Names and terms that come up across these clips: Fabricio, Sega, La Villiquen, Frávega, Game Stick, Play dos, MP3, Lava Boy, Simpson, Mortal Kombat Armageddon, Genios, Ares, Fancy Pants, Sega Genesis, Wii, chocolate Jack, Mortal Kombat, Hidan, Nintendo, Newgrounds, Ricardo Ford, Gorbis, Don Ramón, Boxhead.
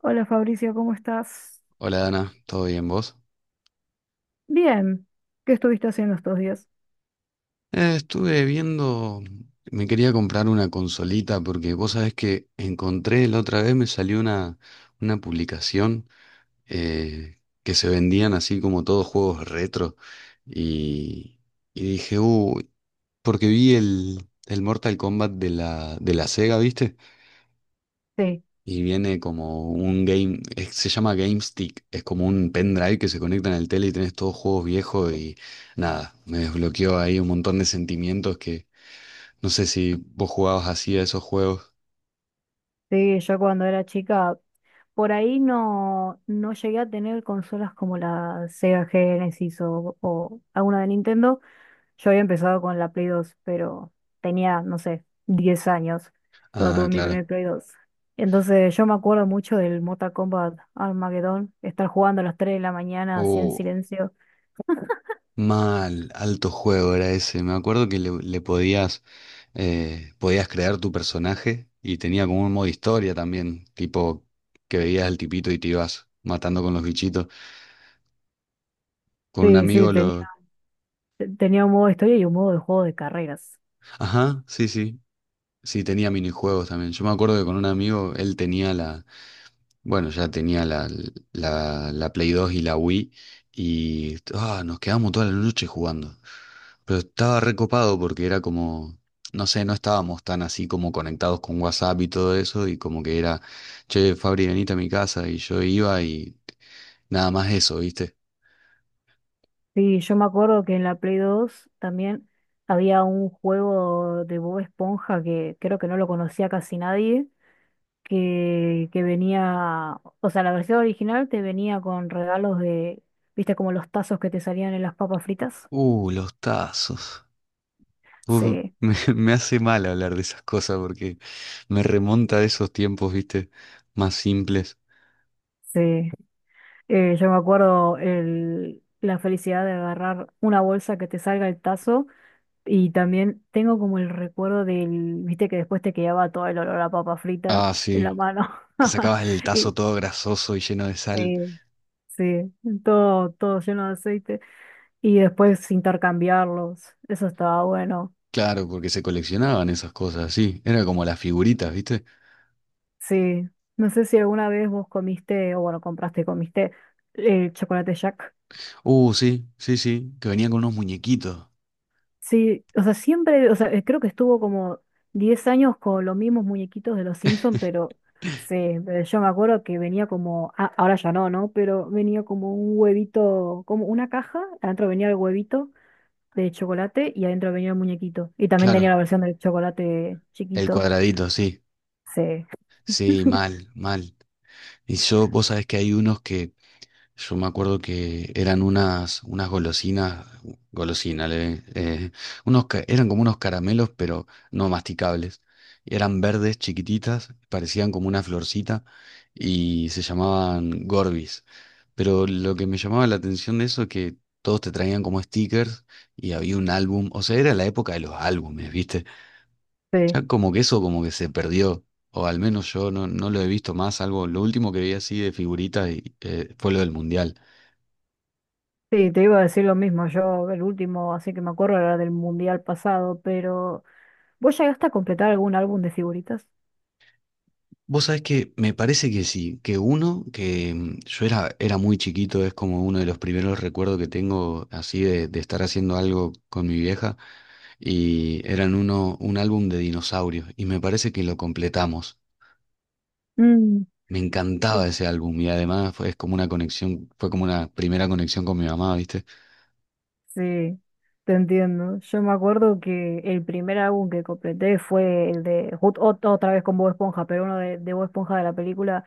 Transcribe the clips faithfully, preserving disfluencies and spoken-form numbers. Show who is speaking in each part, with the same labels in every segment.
Speaker 1: Hola Fabricio, ¿cómo estás?
Speaker 2: Hola Dana, ¿todo bien vos?
Speaker 1: Bien, ¿qué estuviste haciendo estos días?
Speaker 2: Eh, estuve viendo, me quería comprar una consolita porque vos sabés que encontré la otra vez, me salió una, una publicación eh, que se vendían así como todos juegos retro y, y dije, uy, porque vi el, el Mortal Kombat de la, de la Sega, ¿viste?
Speaker 1: Sí,
Speaker 2: Y viene como un game, es- se llama Game Stick, es como un pendrive que se conecta en el tele y tenés todos juegos viejos y nada, me desbloqueó ahí un montón de sentimientos que no sé si vos jugabas así a esos juegos.
Speaker 1: sí, yo cuando era chica, por ahí no, no llegué a tener consolas como la Sega Genesis o, o alguna de Nintendo. Yo había empezado con la Play dos, pero tenía, no sé, diez años cuando
Speaker 2: Ah,
Speaker 1: tuve mi
Speaker 2: claro.
Speaker 1: primer Play dos. Entonces yo me acuerdo mucho del Mortal Kombat Armageddon, estar jugando a las tres de la mañana así en
Speaker 2: Oh,
Speaker 1: silencio.
Speaker 2: mal, alto juego era ese. Me acuerdo que le, le podías, eh, podías crear tu personaje y tenía como un modo historia también, tipo que veías al tipito y te ibas matando con los bichitos. Con un
Speaker 1: Sí, sí,
Speaker 2: amigo
Speaker 1: tenía,
Speaker 2: lo...
Speaker 1: tenía un modo de historia y un modo de juego de carreras.
Speaker 2: Ajá, sí, sí. Sí, tenía minijuegos también. Yo me acuerdo que con un amigo, él tenía la, bueno, ya tenía la, la, la Play dos y la Wii y ah, nos quedamos toda la noche jugando. Pero estaba recopado porque era como, no sé, no estábamos tan así como conectados con WhatsApp y todo eso y como que era, che, Fabri, venite a mi casa y yo iba y nada más eso, ¿viste?
Speaker 1: Sí, yo me acuerdo que en la Play dos también había un juego de Bob Esponja que creo que no lo conocía casi nadie, que, que venía, o sea, la versión original te venía con regalos de, viste, como los tazos que te salían en las papas fritas.
Speaker 2: Uh, los tazos. Uf,
Speaker 1: Sí,
Speaker 2: me, me hace mal hablar de esas cosas porque me remonta a esos tiempos, viste, más simples.
Speaker 1: sí. Eh, yo me acuerdo el, la felicidad de agarrar una bolsa que te salga el tazo y también tengo como el recuerdo del, viste, que después te quedaba todo el olor a papa frita
Speaker 2: Ah,
Speaker 1: en la
Speaker 2: sí,
Speaker 1: mano.
Speaker 2: que sacabas el tazo
Speaker 1: Y
Speaker 2: todo grasoso y lleno de sal.
Speaker 1: sí, sí, todo, todo lleno de aceite y después intercambiarlos, eso estaba bueno.
Speaker 2: Claro, porque se coleccionaban esas cosas, sí. Era como las figuritas, viste.
Speaker 1: Sí, no sé si alguna vez vos comiste, o bueno, compraste, y comiste eh, chocolate Jack.
Speaker 2: Uh, sí, sí, sí, que venían con unos muñequitos.
Speaker 1: Sí, o sea, siempre, o sea, eh, creo que estuvo como diez años con los mismos muñequitos de los Simpson, pero sí, pero yo me acuerdo que venía como, ah, ahora ya no, ¿no? Pero venía como un huevito, como una caja, adentro venía el huevito de chocolate y adentro venía el muñequito. Y también tenía
Speaker 2: Claro,
Speaker 1: la versión del chocolate
Speaker 2: el
Speaker 1: chiquito.
Speaker 2: cuadradito, sí.
Speaker 1: Sí,
Speaker 2: Sí, mal, mal. Y yo, vos sabés que hay unos que yo me acuerdo que eran unas, unas golosinas, golosinas, le- eh, unos, ca- eran como unos caramelos, pero no masticables. Eran verdes, chiquititas, parecían como una florcita y se llamaban Gorbis. Pero lo que me llamaba la atención de eso es que todos te traían como stickers y había un álbum, o sea, era la época de los álbumes, ¿viste?
Speaker 1: sí.
Speaker 2: Ya como que eso como que se perdió, o al menos yo no, no lo he visto más, algo, lo último que vi así de figuritas y, eh, fue lo del Mundial.
Speaker 1: Sí, te iba a decir lo mismo. Yo, el último, así que me acuerdo, era del mundial pasado, pero ¿vos llegaste a completar algún álbum de figuritas?
Speaker 2: Vos sabés que me parece que sí, que uno, que mm, yo era, era muy chiquito, es como uno de los primeros recuerdos que tengo así de, de estar haciendo algo con mi vieja, y eran uno, un álbum de dinosaurios, y me parece que lo completamos.
Speaker 1: Mm,
Speaker 2: Me
Speaker 1: yo
Speaker 2: encantaba ese álbum, y además fue, es como una conexión, fue como una primera conexión con mi mamá, ¿viste?
Speaker 1: sí, te entiendo. Yo me acuerdo que el primer álbum que completé fue el de jut- ot- otra vez con Bob Esponja, pero uno de, de Bob Esponja de la película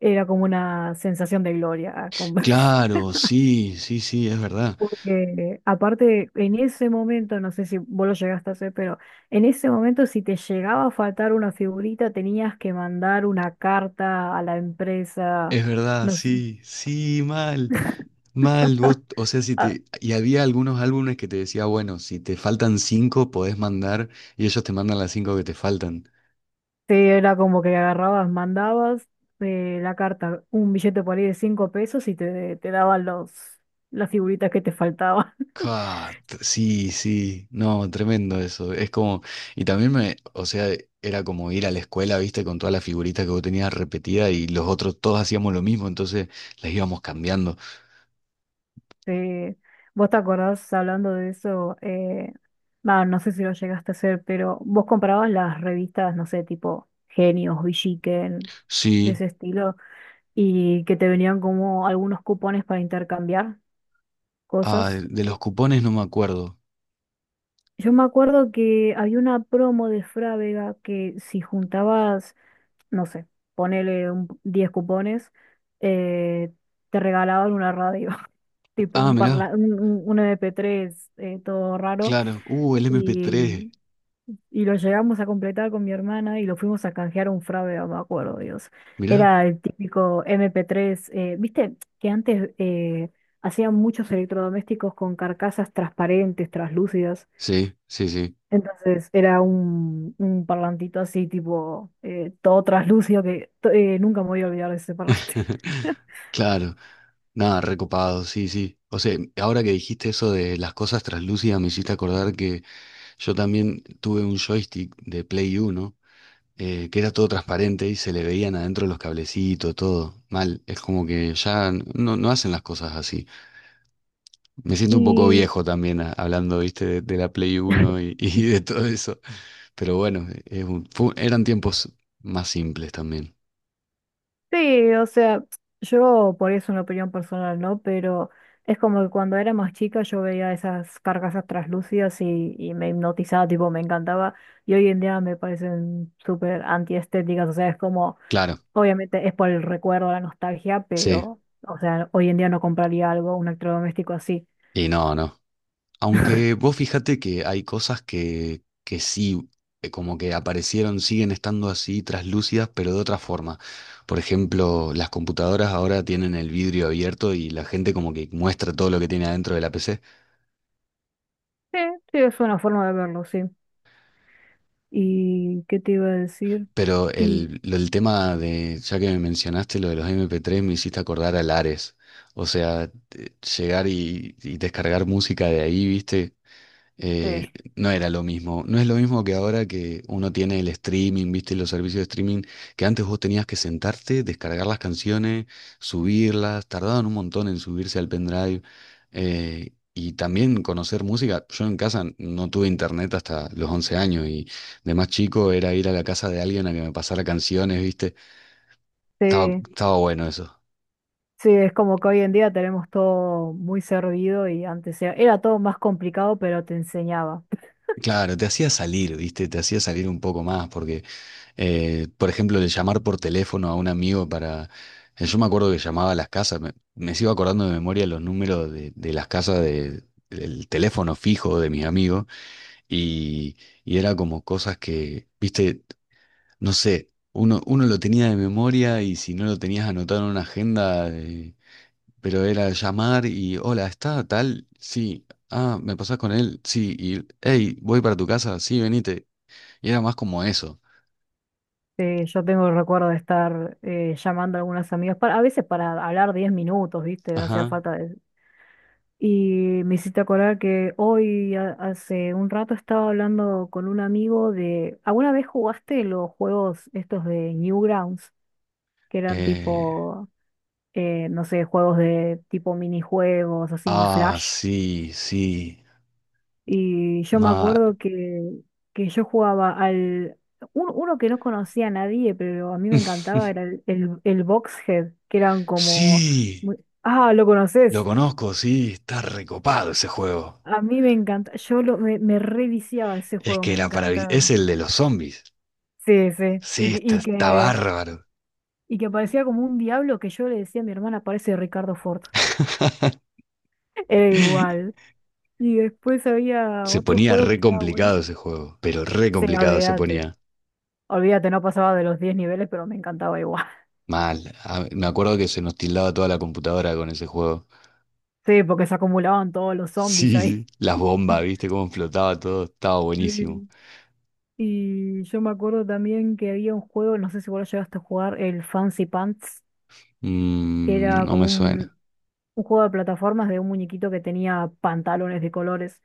Speaker 1: era como una sensación de gloria. ah, con-
Speaker 2: Claro, sí, sí, sí, es verdad,
Speaker 1: Porque aparte, en ese momento, no sé si vos lo llegaste a hacer, pero en ese momento si te llegaba a faltar una figurita, tenías que mandar una carta a la empresa.
Speaker 2: es verdad,
Speaker 1: No sé,
Speaker 2: sí, sí, mal. Mal, vos, o sea, si te, y había algunos álbumes que te decía, bueno, si te faltan cinco, podés mandar, y ellos te mandan las cinco que te faltan.
Speaker 1: sí, era como que agarrabas, mandabas eh, la carta, un billete por ahí de cinco pesos y te, te daban los, las figuritas que te faltaban.
Speaker 2: Ca- sí, sí, no, tremendo eso. Es como, y también me, o sea, era como ir a la escuela, viste, con todas las figuritas que vos tenías repetidas y los otros todos hacíamos lo mismo, entonces las íbamos cambiando.
Speaker 1: Sí. ¿Vos te acordás hablando de eso? Eh, bah, no sé si lo llegaste a hacer, pero vos comprabas las revistas, no sé, tipo Genios, Villiquen, de
Speaker 2: Sí,
Speaker 1: ese estilo, y que te venían como algunos cupones para intercambiar
Speaker 2: ah,
Speaker 1: cosas.
Speaker 2: de los
Speaker 1: Eh,
Speaker 2: cupones no me acuerdo.
Speaker 1: Yo me acuerdo que había una promo de Frávega que si juntabas, no sé, ponele un- diez cupones, eh, te regalaban una radio, tipo
Speaker 2: Ah,
Speaker 1: un,
Speaker 2: mirá,
Speaker 1: parla- un, un- un M P tres eh, todo raro.
Speaker 2: claro, uh, el M P tres,
Speaker 1: Y, y lo llegamos a completar con mi hermana y lo fuimos a canjear a un fraude, no me acuerdo, Dios.
Speaker 2: mirá,
Speaker 1: Era el típico m p tres eh, viste que antes eh, hacían muchos electrodomésticos con carcasas transparentes, traslúcidas.
Speaker 2: sí, sí, sí.
Speaker 1: Entonces era un, un parlantito así, tipo, eh, todo traslúcido, que to- eh, nunca me voy a olvidar de ese parlante.
Speaker 2: Claro. Nada, recopado, sí, sí. O sea, ahora que dijiste eso de las cosas translúcidas, me hiciste acordar que yo también tuve un joystick de Play uno, eh, que era todo transparente y se le veían adentro los cablecitos, todo. Mal, es como que ya no, no hacen las cosas así. Me siento un poco
Speaker 1: Y
Speaker 2: viejo también a- hablando, viste, de, de la Play uno y, y de todo eso. Pero bueno, es un- fu- eran tiempos más simples también.
Speaker 1: sí, o sea, yo por eso una opinión personal, ¿no? Pero es como que cuando era más chica yo veía esas carcasas translúcidas y, y me hipnotizaba, tipo, me encantaba. Y hoy en día me parecen súper antiestéticas, o sea, es como,
Speaker 2: Claro,
Speaker 1: obviamente es por el recuerdo, la nostalgia,
Speaker 2: sí.
Speaker 1: pero, o sea, hoy en día no compraría algo, un electrodoméstico así.
Speaker 2: Y no, no. Aunque vos fíjate que hay cosas que, que sí, eh, como que aparecieron, siguen estando así traslúcidas, pero de otra forma. Por ejemplo, las computadoras ahora tienen el vidrio abierto y la gente como que muestra todo lo que tiene adentro de la P C.
Speaker 1: Sí, sí, es una forma de verlo, sí. ¿Y qué te iba a decir?
Speaker 2: Pero
Speaker 1: Y
Speaker 2: el, lo- el tema de, ya que me mencionaste lo de los M P tres, me hiciste acordar al Ares. O sea, te- llegar y, y descargar música de ahí, ¿viste? eh,
Speaker 1: sí,
Speaker 2: no era lo mismo. No es lo mismo que ahora que uno tiene el streaming, viste, los servicios de streaming, que antes vos tenías que sentarte, descargar las canciones, subirlas, tardaban un montón en subirse al pendrive. Eh, y también conocer música. Yo en casa no tuve internet hasta los once años y de más chico era ir a la casa de alguien a que me pasara canciones, viste. Estaba,
Speaker 1: sí.
Speaker 2: estaba bueno eso.
Speaker 1: Sí, es como que hoy en día tenemos todo muy servido y antes era, era todo más complicado, pero te enseñaba.
Speaker 2: Claro, te hacía salir, viste, te hacía salir un poco más, porque Eh, por ejemplo, el llamar por teléfono a un amigo para... eh, yo me acuerdo que llamaba a las casas, me, me sigo acordando de memoria los números de, de las casas de, del teléfono fijo de mis amigos y, y era como cosas que, viste, no sé, uno, uno lo tenía de memoria y si no lo tenías anotado en una agenda, eh, pero era llamar y, hola, ¿está tal? Sí. Ah, ¿me pasás con él? Sí. Y, hey, ¿voy para tu casa? Sí, venite. Y era más como eso.
Speaker 1: Eh, yo tengo el recuerdo de estar eh, llamando a algunas amigas, para, a veces para hablar diez minutos, ¿viste? No hacía
Speaker 2: Ajá.
Speaker 1: falta de... Y me hiciste acordar que hoy, ha- hace un rato, estaba hablando con un amigo de... ¿Alguna vez jugaste los juegos estos de Newgrounds? Que eran
Speaker 2: eh,
Speaker 1: tipo, eh, no sé, juegos de tipo minijuegos, así,
Speaker 2: Ah,
Speaker 1: Flash.
Speaker 2: sí, sí.
Speaker 1: Y yo me
Speaker 2: Ma...
Speaker 1: acuerdo que, que yo jugaba al... un- uno que no conocía a nadie, pero a mí me encantaba, era el, el, el Boxhead, que eran como...
Speaker 2: Sí,
Speaker 1: muy... Ah, ¿lo
Speaker 2: lo
Speaker 1: conoces?
Speaker 2: conozco, sí, está recopado ese juego.
Speaker 1: A mí me encanta. Yo lo, me, me reviciaba ese
Speaker 2: Es
Speaker 1: juego,
Speaker 2: que
Speaker 1: me
Speaker 2: era para... es
Speaker 1: encantaba.
Speaker 2: el de los zombies.
Speaker 1: Sí, sí. Y,
Speaker 2: Sí,
Speaker 1: que,
Speaker 2: está,
Speaker 1: y
Speaker 2: está
Speaker 1: que
Speaker 2: bárbaro.
Speaker 1: y que parecía como un diablo que yo le decía a mi hermana, parece Ricardo Ford. Era igual. Y después había
Speaker 2: Se
Speaker 1: otro
Speaker 2: ponía
Speaker 1: juego que
Speaker 2: re
Speaker 1: estaba bueno.
Speaker 2: complicado ese juego, pero re
Speaker 1: Sí,
Speaker 2: complicado se
Speaker 1: olvídate.
Speaker 2: ponía.
Speaker 1: Olvídate, no pasaba de los diez niveles, pero me encantaba igual.
Speaker 2: Mal. Ah, me acuerdo que se nos tildaba toda la computadora con ese juego.
Speaker 1: Sí, porque se acumulaban todos los zombies
Speaker 2: Sí, sí,
Speaker 1: ahí.
Speaker 2: las bombas, ¿viste cómo flotaba todo? Estaba buenísimo.
Speaker 1: Mm. Y yo me acuerdo también que había un juego, no sé si vos lo llegaste a jugar, el Fancy Pants, que
Speaker 2: Mm,
Speaker 1: era
Speaker 2: no
Speaker 1: como
Speaker 2: me
Speaker 1: un,
Speaker 2: suena.
Speaker 1: un juego de plataformas de un muñequito que tenía pantalones de colores.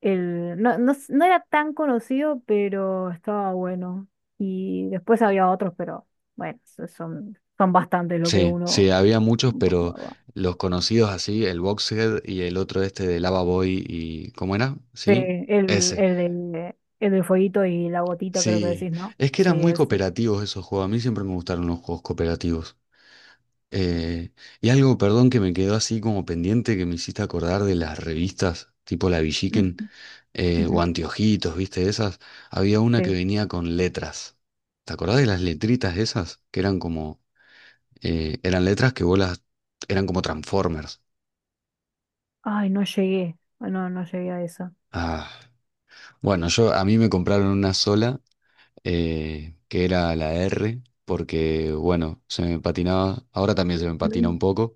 Speaker 1: El, no, no, s- no era tan conocido, pero estaba bueno. Y después había otros, pero bueno, so- son, son bastantes lo que
Speaker 2: Sí, sí,
Speaker 1: uno,
Speaker 2: había muchos,
Speaker 1: uno
Speaker 2: pero
Speaker 1: jugaba.
Speaker 2: los conocidos así, el Boxhead y el otro este de Lava Boy y... ¿Cómo era?
Speaker 1: Sí,
Speaker 2: ¿Sí?
Speaker 1: el,
Speaker 2: Ese.
Speaker 1: el, del- el del fueguito y la gotita, creo que
Speaker 2: Sí,
Speaker 1: decís, ¿no?
Speaker 2: es que
Speaker 1: Sí,
Speaker 2: eran muy
Speaker 1: es.
Speaker 2: cooperativos esos juegos. A mí siempre me gustaron los juegos cooperativos. Eh, y algo, perdón, que me quedó así como pendiente que me hiciste acordar de las revistas, tipo La
Speaker 1: Ujú,
Speaker 2: Villiquen eh,
Speaker 1: ujú,
Speaker 2: o Anteojitos, ¿viste? Esas. Había una que
Speaker 1: sí.
Speaker 2: venía con letras. ¿Te acordás de las letritas esas? Que eran como... eh, eran letras que vos las... eran como Transformers.
Speaker 1: Ay, no llegué. Ay, no, no llegué a esa.
Speaker 2: Ah, bueno, yo a mí me compraron una sola, eh, que era la R, porque bueno, se me patinaba, ahora también se me patina
Speaker 1: Mm.
Speaker 2: un poco,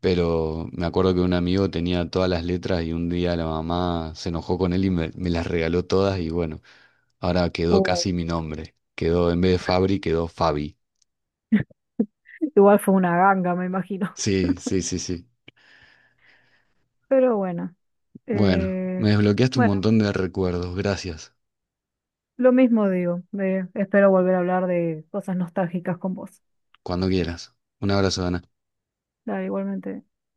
Speaker 2: pero me acuerdo que un amigo tenía todas las letras y un día la mamá se enojó con él y me, me las regaló todas y bueno, ahora quedó
Speaker 1: Oh,
Speaker 2: casi mi nombre. Quedó, en vez de Fabri, quedó Fabi.
Speaker 1: igual fue una ganga, me imagino.
Speaker 2: Sí, sí, sí, sí.
Speaker 1: Pero bueno.
Speaker 2: Bueno,
Speaker 1: eh,
Speaker 2: me desbloqueaste un
Speaker 1: bueno,
Speaker 2: montón de recuerdos, gracias.
Speaker 1: lo mismo digo. Eh, espero volver a hablar de cosas nostálgicas con vos.
Speaker 2: Cuando quieras. Un abrazo, Dana.
Speaker 1: Dale, igualmente.